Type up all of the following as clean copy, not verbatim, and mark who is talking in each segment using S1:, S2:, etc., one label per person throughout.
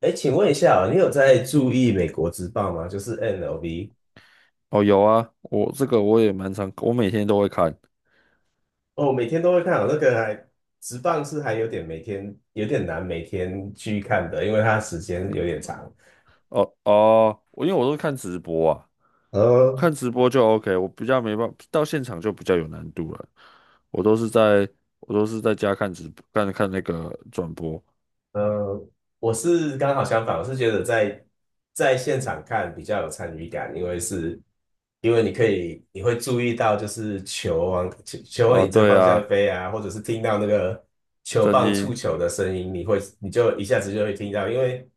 S1: 哎，请问一下哦，你有在注意美国职棒吗？就是 N l V
S2: 哦，有啊，我这个我也蛮常，我每天都会看。
S1: 哦，每天都会看哦。那个还职棒是还有点每天有点难每天去看的，因为它时间有点长。
S2: 哦哦，因为我都是看直播啊，
S1: 呃，
S2: 看直播就 OK，我比较没办法，到现场就比较有难度了。我都是在我都是在家看直播，看看那个转播。
S1: 呃，我是刚好相反，我是觉得在现场看比较有参与感，因为是，因为你可以你会注意到就是球往
S2: 哦，
S1: 你这个
S2: 对
S1: 方向
S2: 啊，
S1: 飞啊，或者是听到那个球
S2: 声
S1: 棒触
S2: 音
S1: 球的声音，你就一下子就会听到，因为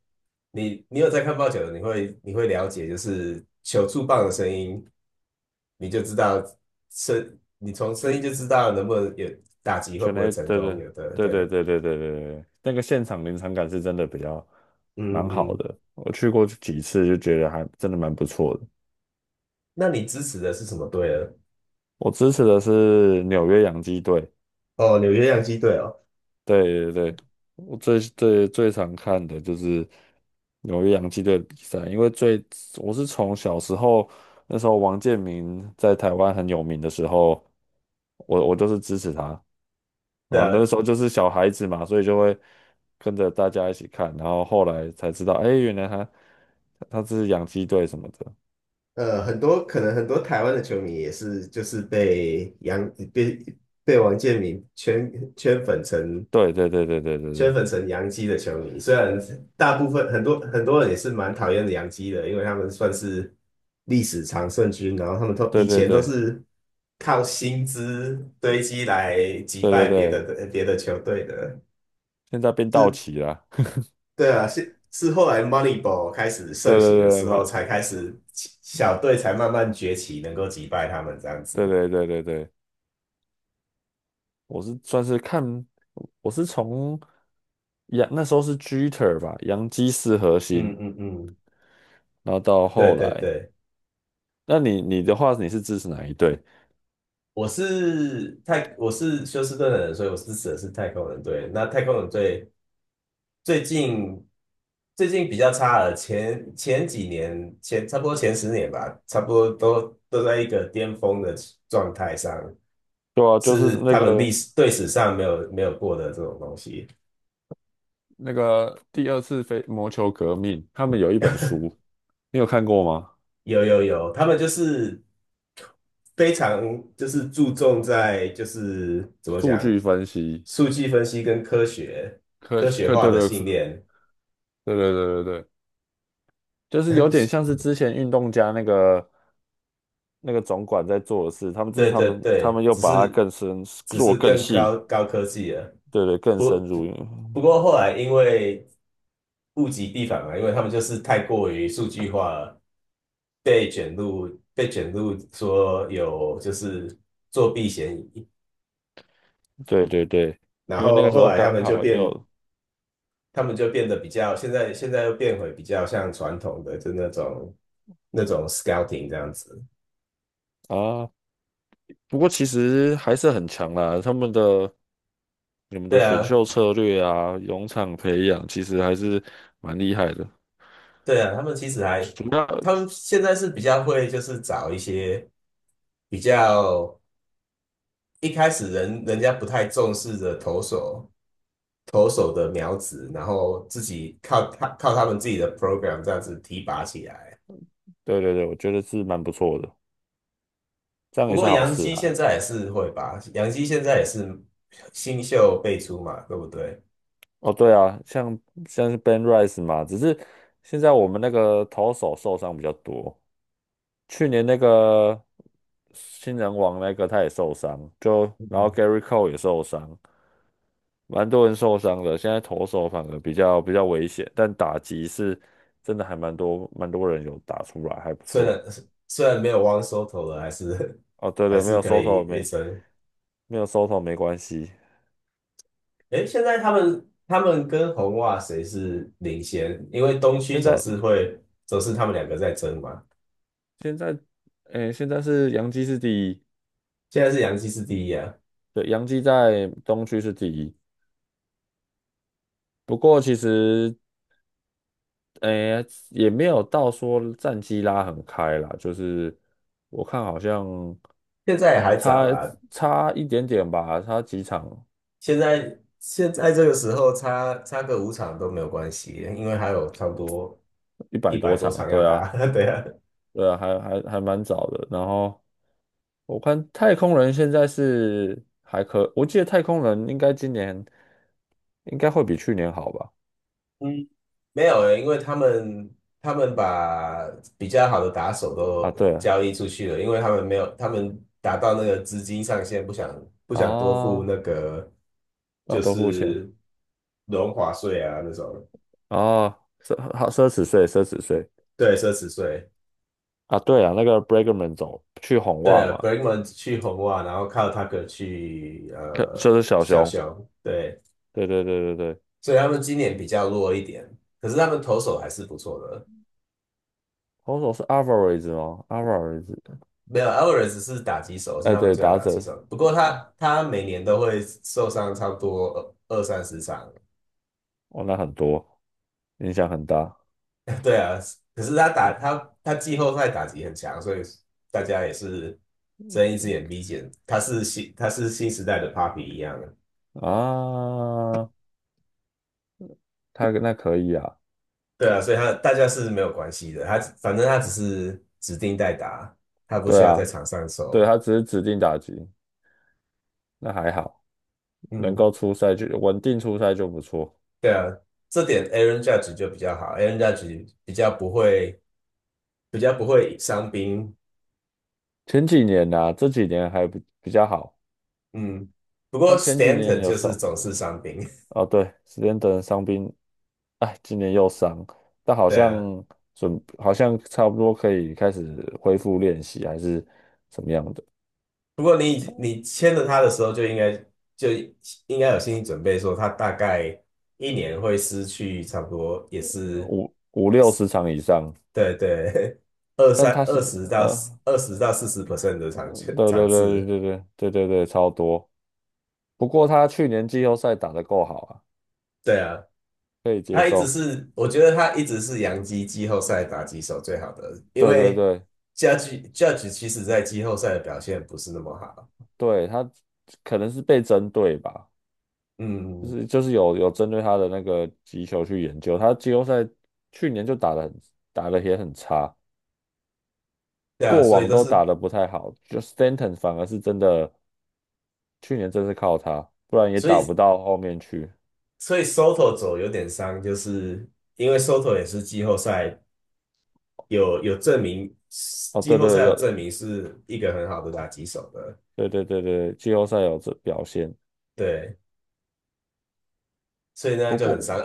S1: 你有在看棒球的，你会了解就是球触棒的声音，你就知道你从声音就知
S2: 是
S1: 道能不能有打击会
S2: 全
S1: 不会
S2: 雷，
S1: 成
S2: 对
S1: 功，
S2: 对
S1: 有的
S2: 对对
S1: 对，
S2: 对对对对对，那个现场临场感是真的比较蛮
S1: 嗯
S2: 好
S1: 嗯。
S2: 的。我去过几次就觉得还真的蛮不错的。
S1: 那你支持的是什么队呢？
S2: 我支持的是纽约洋基队。
S1: 哦，纽约洋基队哦，
S2: 对对对，我最最最常看的就是纽约洋基队的比赛。因为最我是从小时候那时候王建民在台湾很有名的时候，我就是支持他。
S1: 对
S2: 然后
S1: 啊，
S2: 那时候就是小孩子嘛，所以就会跟着大家一起看。然后后来才知道，哎，原来他这是洋基队什么的。
S1: 很多可能很多台湾的球迷也是就是被洋被被王建民圈圈粉成
S2: 对对对对对对
S1: 圈
S2: 对
S1: 粉成洋基的球迷，虽然大部分很多很多人也是蛮讨厌洋基的，因为他们算是历史常胜军，然后他们都
S2: 对
S1: 以
S2: 对
S1: 前都
S2: 对
S1: 是靠薪资堆积来击
S2: 对对
S1: 败别
S2: 对，
S1: 的别的球队的，
S2: 现在变道
S1: 是
S2: 奇了。
S1: 对啊，是后来 Moneyball 开始
S2: 对
S1: 盛
S2: 对
S1: 行的
S2: 对，
S1: 时候，才开始小队才慢慢崛起，能够击败他们这样
S2: 对
S1: 子。
S2: 对对对对。我是算是看，我是从那时候是 Jeter 吧，洋基四核
S1: 嗯
S2: 心。
S1: 嗯嗯，
S2: 然后到
S1: 对
S2: 后
S1: 对
S2: 来，
S1: 对，
S2: 那你的话，你是支持哪一队？
S1: 我是休斯顿的人，所以我支持的是太空人队。那太空人队最近最近比较差了，前前几年前差不多前10年吧，差不多都在一个巅峰的状态上，
S2: 对啊，就是
S1: 是他们历史队史上没有过的这种东西。
S2: 第二次非魔球革命，他们有一本书，你有看过吗？
S1: 有有有，他们就是非常就是注重在就是怎么
S2: 数
S1: 讲，
S2: 据分析，
S1: 数据分析跟科学科学化
S2: 对
S1: 的
S2: 对
S1: 训
S2: 对
S1: 练，
S2: 对对对对，就是有点像是 之前运动家那个总管在做的事。他们这是
S1: 对
S2: 他
S1: 对
S2: 们他
S1: 对，
S2: 们又
S1: 只
S2: 把它
S1: 是
S2: 更深
S1: 只
S2: 做
S1: 是
S2: 更
S1: 更高
S2: 细。
S1: 高科技了。
S2: 对对，更
S1: 不
S2: 深
S1: 不
S2: 入。
S1: 不
S2: 嗯
S1: 过后来因为物极必反嘛，因为他们就是太过于数据化了，被卷入被卷入说有就是作弊嫌疑，
S2: 对对对，
S1: 然
S2: 因为那个
S1: 后
S2: 时
S1: 后
S2: 候
S1: 来他
S2: 刚
S1: 们就
S2: 好也
S1: 变
S2: 有
S1: 他们就变得比较，现在又变回比较像传统的，就那种 scouting 这样子。
S2: 啊。不过其实还是很强啦，他们的你们的
S1: 对
S2: 选
S1: 啊，
S2: 秀策略啊，农场培养其实还是蛮厉害的。
S1: 对啊，他们其实还，
S2: 主要
S1: 他们现在是比较会，就是找一些比较一开始人家不太重视的投手的苗子，然后自己靠他们自己的 program 这样子提拔起来。
S2: 对对对，我觉得是蛮不错的，这样
S1: 不
S2: 也是
S1: 过
S2: 好
S1: 杨
S2: 事
S1: 基现
S2: 啊。
S1: 在也是会吧，杨基现在也是新秀辈出嘛，对不对？
S2: 哦，对啊，像是 Ben Rice 嘛，只是现在我们那个投手受伤比较多。去年那个新人王那个他也受伤，就然后 Gary Cole 也受伤。蛮多人受伤的，现在投手反而比较危险，但打击是真的还蛮多人有打出来，还不
S1: 虽
S2: 错。
S1: 然虽然没有 One Soto 了，还是
S2: 哦，对
S1: 还
S2: 对，没
S1: 是
S2: 有
S1: 可
S2: 收
S1: 以
S2: 头
S1: 一
S2: 没
S1: 争。
S2: 没有收头没关系。
S1: 诶，现在他们跟红袜谁是领先？因为东区
S2: 现
S1: 总
S2: 在
S1: 是会总是他们两个在争嘛。
S2: 现在诶，现在是洋基是第一。
S1: 现在是洋基是第一啊，
S2: 对，洋基在东区是第一。不过其实诶也没有到说战绩拉很开啦。就是我看好像
S1: 现在也还早
S2: 差
S1: 啦。
S2: 差一点点吧，差几场，
S1: 现在这个时候差个5场都没有关系，因为还有差不多
S2: 一
S1: 一
S2: 百
S1: 百
S2: 多
S1: 多
S2: 场，
S1: 场要
S2: 对啊。
S1: 打。对啊，
S2: 对啊，还还蛮早的。然后我看太空人现在是还可，我记得太空人应该今年应该会比去年好吧？
S1: 嗯。没有诶，因为他们把比较好的打手
S2: 啊，
S1: 都
S2: 对啊，
S1: 交易出去了，因为他们没有，他们达到那个资金上限，不想多付那
S2: 啊，
S1: 个
S2: 让
S1: 就
S2: 都付钱
S1: 是荣华税啊那种，
S2: 啊，奢侈税，奢侈税
S1: 对，奢侈税。
S2: 啊。对啊，那个 Bregman 走去红
S1: 对
S2: 袜嘛，
S1: ，Bregman 去红袜，然后靠 Tucker 去
S2: 可就是小
S1: 小
S2: 熊。
S1: 熊，对，
S2: 对对对对对，
S1: 所以他们今年比较弱一点，可是他们投手还是不错的。
S2: 投手是 Alvarez 哦，Alvarez，
S1: 没有 Alvarez 是打击手，是
S2: 哎，
S1: 他们
S2: 对，
S1: 最好
S2: 打
S1: 的打击
S2: 者，
S1: 手。不过
S2: 嗯
S1: 他每年都会受伤，差不多二三十场。
S2: 哦，那很多，影响很大
S1: 对啊，可是他季后赛打击很强，所以大家也是睁一只眼闭一只眼。他是新时代的 Papi 一样的。
S2: 啊。他那可以啊，
S1: 对啊，所以他大家是没有关系的。他反正他只是指定代打，他不
S2: 对
S1: 需要在
S2: 啊，
S1: 场上
S2: 对，
S1: 守。
S2: 他只是指定打击，那还好，能
S1: 嗯，
S2: 够出赛就稳定出赛就不错。
S1: 对啊，这点 Aaron Judge 就比较好，Aaron Judge 比较不会伤兵，
S2: 前几年呐、啊这几年还比较好。
S1: 嗯，不
S2: 他
S1: 过
S2: 前几
S1: Stanton
S2: 年有
S1: 就是
S2: 受，
S1: 总是伤兵，
S2: 哦对，史蒂德伤兵。哎，今年又伤，但 好
S1: 对
S2: 像
S1: 啊。
S2: 好像差不多可以开始恢复练习，还是怎么样的。
S1: 不过你签了他的时候，就应该有心理准备，说他大概一年会失去差不多也是
S2: 五六十场以上。
S1: 对对 二
S2: 但
S1: 三
S2: 他是
S1: 二十到
S2: 呃，
S1: 20%到40% 的场
S2: 对
S1: 场
S2: 对对对
S1: 次，
S2: 对对对对对，超多。不过他去年季后赛打得够好啊。
S1: 对啊。
S2: 可以接
S1: 他一直
S2: 受。
S1: 是，我觉得他一直是洋基季后赛打击手最好的，因
S2: 对对
S1: 为
S2: 对
S1: Judge 其实在季后赛的表现不是那么好，
S2: 对，他可能是被针对吧。就
S1: 嗯，
S2: 是就是有针对他的那个击球去研究。他季后赛去年就打得也很差，
S1: 对啊，
S2: 过
S1: 所以
S2: 往
S1: 都
S2: 都
S1: 是。
S2: 打得不太好。就 Stanton 反而是真的去年真是靠他，不然也
S1: 所
S2: 打不
S1: 以
S2: 到后面去。
S1: 所以 Soto 走有点伤，就是因为 Soto 也是季后赛有证明，
S2: 哦，
S1: 季
S2: 对
S1: 后
S2: 对
S1: 赛有
S2: 有，
S1: 证明是一个很好的打击手的，
S2: 对对对对，季后赛有这表现。
S1: 对，所以那样
S2: 不
S1: 就很
S2: 过
S1: 伤。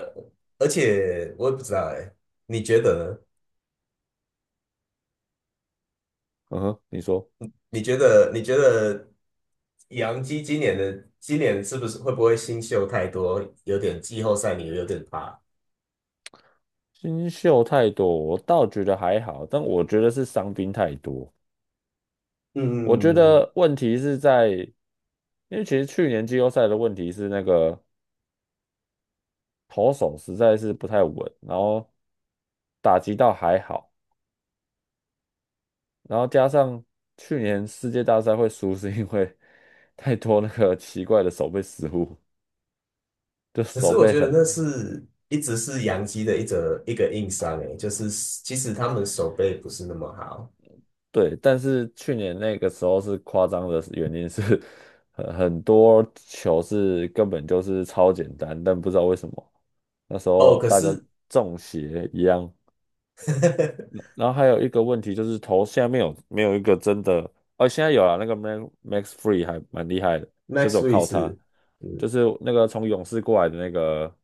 S1: 而且我也不知道哎，你觉得呢？
S2: 嗯哼，你说
S1: 你觉得杨基今年是不是会不会新秀太多，有点季后赛你有点怕？
S2: 新秀太多，我倒觉得还好，但我觉得是伤兵太多。我觉
S1: 嗯，
S2: 得问题是在，因为其实去年季后赛的问题是那个投手实在是不太稳，然后打击倒还好。然后加上去年世界大赛会输，是因为 太多那个奇怪的手背失误，就
S1: 可
S2: 手
S1: 是我
S2: 背
S1: 觉得
S2: 很
S1: 一直是洋基的一个硬伤诶，就是其实他们手背不是那么好
S2: 对。但是去年那个时候是夸张的原因是 很多球是根本就是超简单，但不知道为什么那时
S1: 哦。
S2: 候
S1: 可
S2: 大家
S1: 是
S2: 中邪一样。然后还有一个问题就是头下面有没有一个真的。哦，现在有了那个 Max Free 还蛮厉害的，就是
S1: Max
S2: 有
S1: Free
S2: 靠他，
S1: 是，嗯，
S2: 就是那个从勇士过来的那个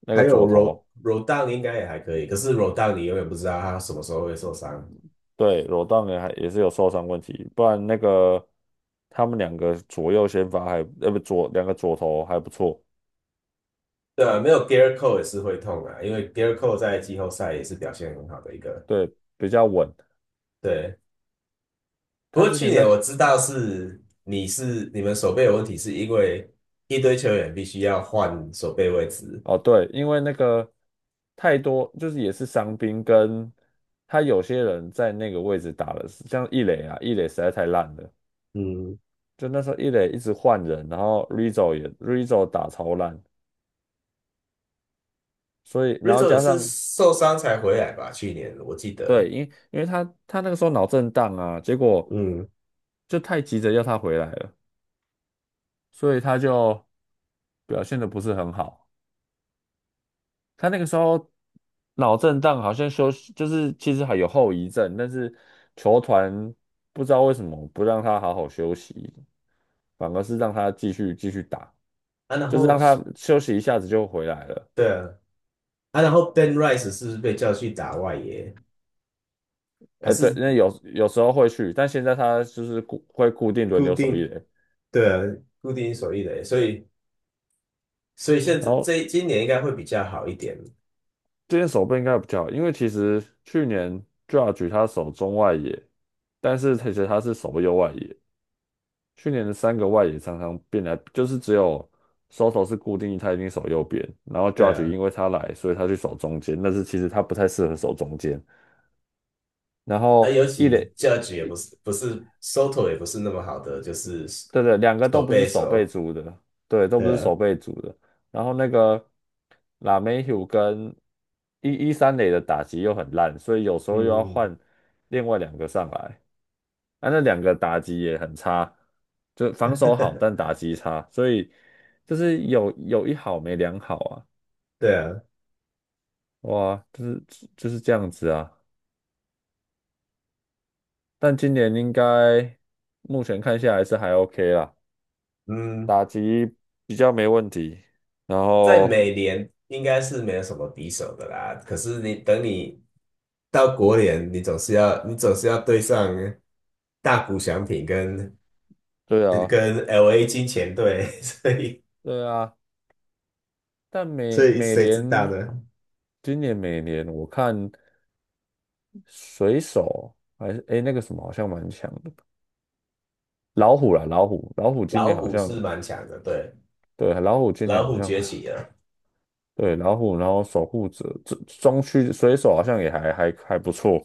S2: 那
S1: 还
S2: 个
S1: 有
S2: 左
S1: Ro
S2: 头。
S1: Rodon 应该也还可以，可是 Rodon 你永远不知道他什么时候会受伤。
S2: 对，罗当也是有受伤问题。不然那个他们两个左右先发还，呃不左两个左头还不错。
S1: 对啊，没有 g e a r Cole 也是会痛啊，因为 g e a r Cole 在季后赛也是表现很好的一个。
S2: 对，比较稳。
S1: 对，不
S2: 他
S1: 过
S2: 之
S1: 去
S2: 前
S1: 年
S2: 在
S1: 我知道是你们手背有问题，是因为一堆球员必须要换手背位置。
S2: 哦，对，因为那个太多，就是也是伤兵，跟他有些人在那个位置打了。像易磊啊，易磊实在太烂了，
S1: 嗯，
S2: 就那时候易磊一直换人。然后 Rizzo 也 Rizzo 打超烂，所以然后
S1: Rizzo 也
S2: 加
S1: 是
S2: 上
S1: 受伤才回来吧？去年我记得，
S2: 对，因为他那个时候脑震荡啊，结果
S1: 嗯，
S2: 就太急着要他回来了，所以他就表现的不是很好。他那个时候脑震荡，好像休息，就是其实还有后遗症，但是球团不知道为什么不让他好好休息，反而是让他继续继续打，
S1: 啊，然
S2: 就是
S1: 后
S2: 让他休息一下子就回来了。
S1: 对啊，啊，然后 Ben Rice 是不是被叫去打外野，还
S2: 呃，对，
S1: 是
S2: 那有有时候会去，但现在他就是固会固定轮
S1: 固
S2: 流守一
S1: 定
S2: 垒。
S1: 对啊，固定手一的，所以现
S2: 然
S1: 在
S2: 后
S1: 这今年应该会比较好一点，
S2: 这件手背应该比较好，因为其实去年 Judge 他守中外野，但是其实他是守右外野。去年的三个外野常常变来，就是只有 Soto 是固定，他一定守右边。然后
S1: 对
S2: Judge
S1: 啊，
S2: 因为他来，所以他去守中间，但是其实他不太适合守中间。然
S1: 啊，
S2: 后
S1: 尤
S2: 一
S1: 其
S2: 垒，
S1: Judge 也不是不是 Soto 也不是那么好的，就是
S2: 对对，两个都
S1: 手
S2: 不是
S1: 背
S2: 守备
S1: 手，
S2: 组的。对，都不
S1: 对
S2: 是
S1: 啊，
S2: 守备组的。然后那个 l a m e h 跟一三垒的打击又很烂，所以有时候又要
S1: 嗯，
S2: 换另外两个上来。啊，那两个打击也很差，就防守好，但 打击差，所以就是有一好没两好啊。
S1: 对啊，
S2: 哇，就是这样子啊。但今年应该目前看下来是还 OK 啦，
S1: 嗯，
S2: 打击比较没问题。然
S1: 在
S2: 后
S1: 美联应该是没有什么敌手的啦。可是等你到国联，你总是要对上大谷翔平跟
S2: 对啊，
S1: 跟 LA 金钱队，所以
S2: 对啊，但
S1: 所
S2: 美
S1: 以
S2: 美
S1: 谁知道
S2: 联
S1: 呢？
S2: 今年美联我看水手还是诶那个什么好像蛮强的。老虎啦，老虎今
S1: 老
S2: 年好
S1: 虎
S2: 像，
S1: 是蛮强的，对，
S2: 对老虎今
S1: 老
S2: 年好
S1: 虎
S2: 像。
S1: 崛
S2: 还。
S1: 起了。
S2: 对，老虎，然后守护者，这中区水手好像也还不错。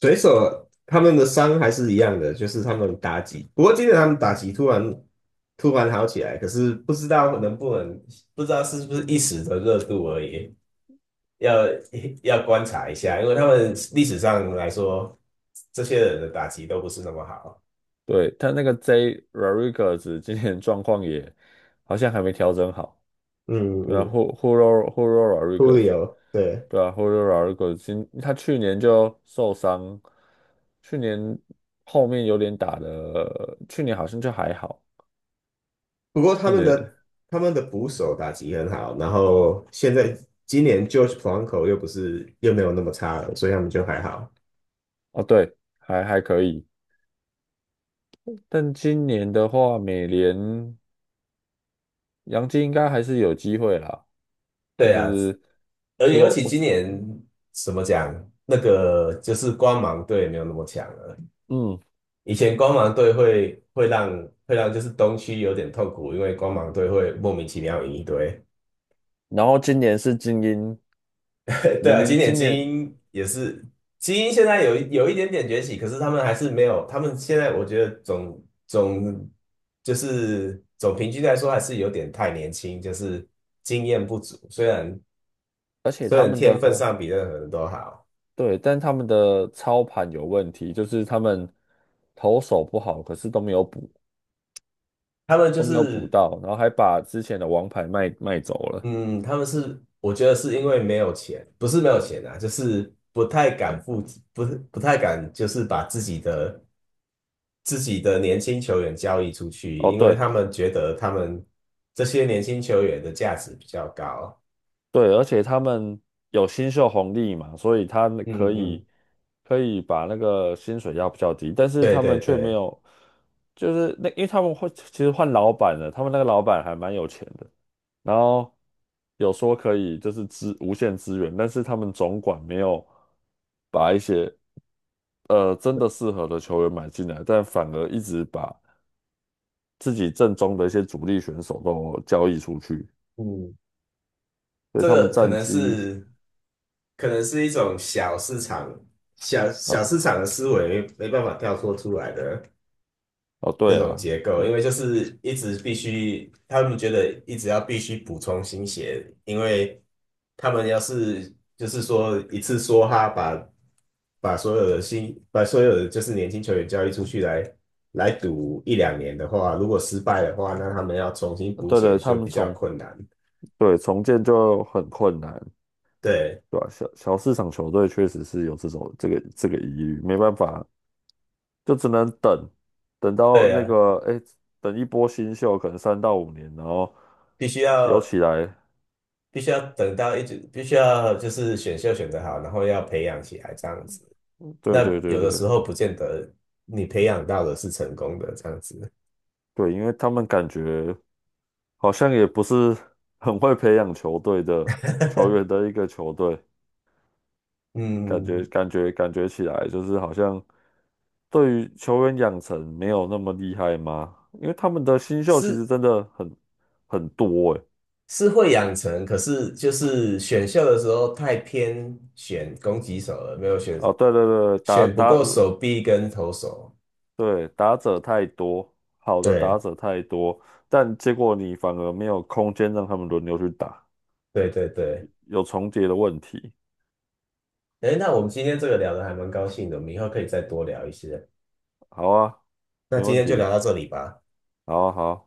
S1: 水手他们的伤还是一样的，就是他们打击。不过今天他们打击突然好起来，可是不知道能不能，不知道是不是一时的热度而已，要要观察一下，因为他们历史上来说，这些人的打击都不是那么好。
S2: 对，他那个 J Rodriguez 今年状况也好像还没调整好。
S1: 嗯
S2: 对啊
S1: 嗯
S2: ，Hu r u o Hugo Rodriguez，
S1: ，Julio，对。
S2: 对啊，Hugo Rodriguez 他去年就受伤。去年后面有点打的，去年好像就还好。
S1: 不过他
S2: 去
S1: 们
S2: 年
S1: 的他们的捕手打击很好，然后现在今年 George p o a n c o 又不是又没有那么差了，所以他们就还好。
S2: 哦对，还可以。但今年的话，美联杨基应该还是有机会啦。就
S1: 对啊，
S2: 是
S1: 而
S2: 只
S1: 且
S2: 有
S1: 尤其
S2: 我
S1: 今
S2: 只
S1: 年怎么讲，那个就是光芒队没有那么强了。
S2: 嗯。
S1: 以前光芒队会让就是东区有点痛苦，因为光芒队会莫名其妙赢一堆。
S2: 然后今年是精英，
S1: 对
S2: 明
S1: 啊，
S2: 明
S1: 经典
S2: 今
S1: 精
S2: 年，
S1: 英也是精英，现在有一点点崛起，可是他们还是没有，他们现在我觉得总就是总平均来说还是有点太年轻，就是经验不足。虽然
S2: 而且
S1: 虽
S2: 他
S1: 然
S2: 们
S1: 天分
S2: 的
S1: 上比任何人都好，
S2: 对，但他们的操盘有问题，就是他们投手不好，可是
S1: 他们就
S2: 都没有补
S1: 是
S2: 到，然后还把之前的王牌卖走了。
S1: 嗯，他们是，我觉得是因为没有钱，不是没有钱啊，就是不太敢付，不是不太敢，就是把自己的年轻球员交易出去，
S2: 哦，
S1: 因为
S2: 对，
S1: 他们觉得他们这些年轻球员的价值比较高。
S2: 对，而且他们有新秀红利嘛，所以他们
S1: 嗯嗯，
S2: 可以把那个薪水压比较低，但是
S1: 对
S2: 他
S1: 对
S2: 们却没
S1: 对，
S2: 有。就是那因为他们会其实换老板了，他们那个老板还蛮有钱的。然后有说可以就是无限资源，但是他们总管没有把一些真的适合的球员买进来，但反而一直把自己阵中的一些主力选手都交易出去。
S1: 嗯，
S2: 所以
S1: 这
S2: 他们
S1: 个可
S2: 战
S1: 能
S2: 绩，
S1: 是可能是一种小市场小小市
S2: 呃
S1: 场的思维，没办法跳脱出来的。
S2: 哦
S1: 那
S2: 对
S1: 种
S2: 啊。
S1: 结构，因为就是一直必须，他们觉得一直要必须补充新血，因为他们要是就是说一次梭哈把把所有的新把所有的就是年轻球员交易出去来赌一两年的话，如果失败的话，那他们要重新补
S2: 对
S1: 血
S2: 对，他
S1: 就
S2: 们
S1: 比较
S2: 重
S1: 困难。
S2: 对，重建就很困难。
S1: 对
S2: 对吧、小市场球队确实是有这种这个疑虑，没办法，就只能等。等到
S1: 对
S2: 那
S1: 啊，
S2: 个哎，诶等一波新秀，可能3到5年，然后
S1: 必须
S2: 有
S1: 要
S2: 起来。
S1: 必须要等到一直必须要就是选秀选得好，然后要培养起来这样子。
S2: 对
S1: 那
S2: 对对
S1: 有
S2: 对
S1: 的时候不见得你培养到的是成功的这样子，
S2: 对，因为他们感觉好像也不是很会培养球队的球员的一个球队。感觉
S1: 嗯，
S2: 感觉感觉起来就是好像对于球员养成没有那么厉害吗？因为他们的新秀其
S1: 是
S2: 实真的很多诶。
S1: 是会养成，可是就是选秀的时候太偏选攻击手了，没有选
S2: 哦，对对对，
S1: 选不够手臂跟投手。
S2: 对打者太多，好的打
S1: 对
S2: 者太多。但结果你反而没有空间让他们轮流去打，
S1: 对对对，
S2: 有重叠的问题。
S1: 哎，那我们今天这个聊的还蛮高兴的，我们以后可以再多聊一些。
S2: 好啊，
S1: 那
S2: 没
S1: 今
S2: 问
S1: 天就聊
S2: 题，
S1: 到这里吧。
S2: 好啊好啊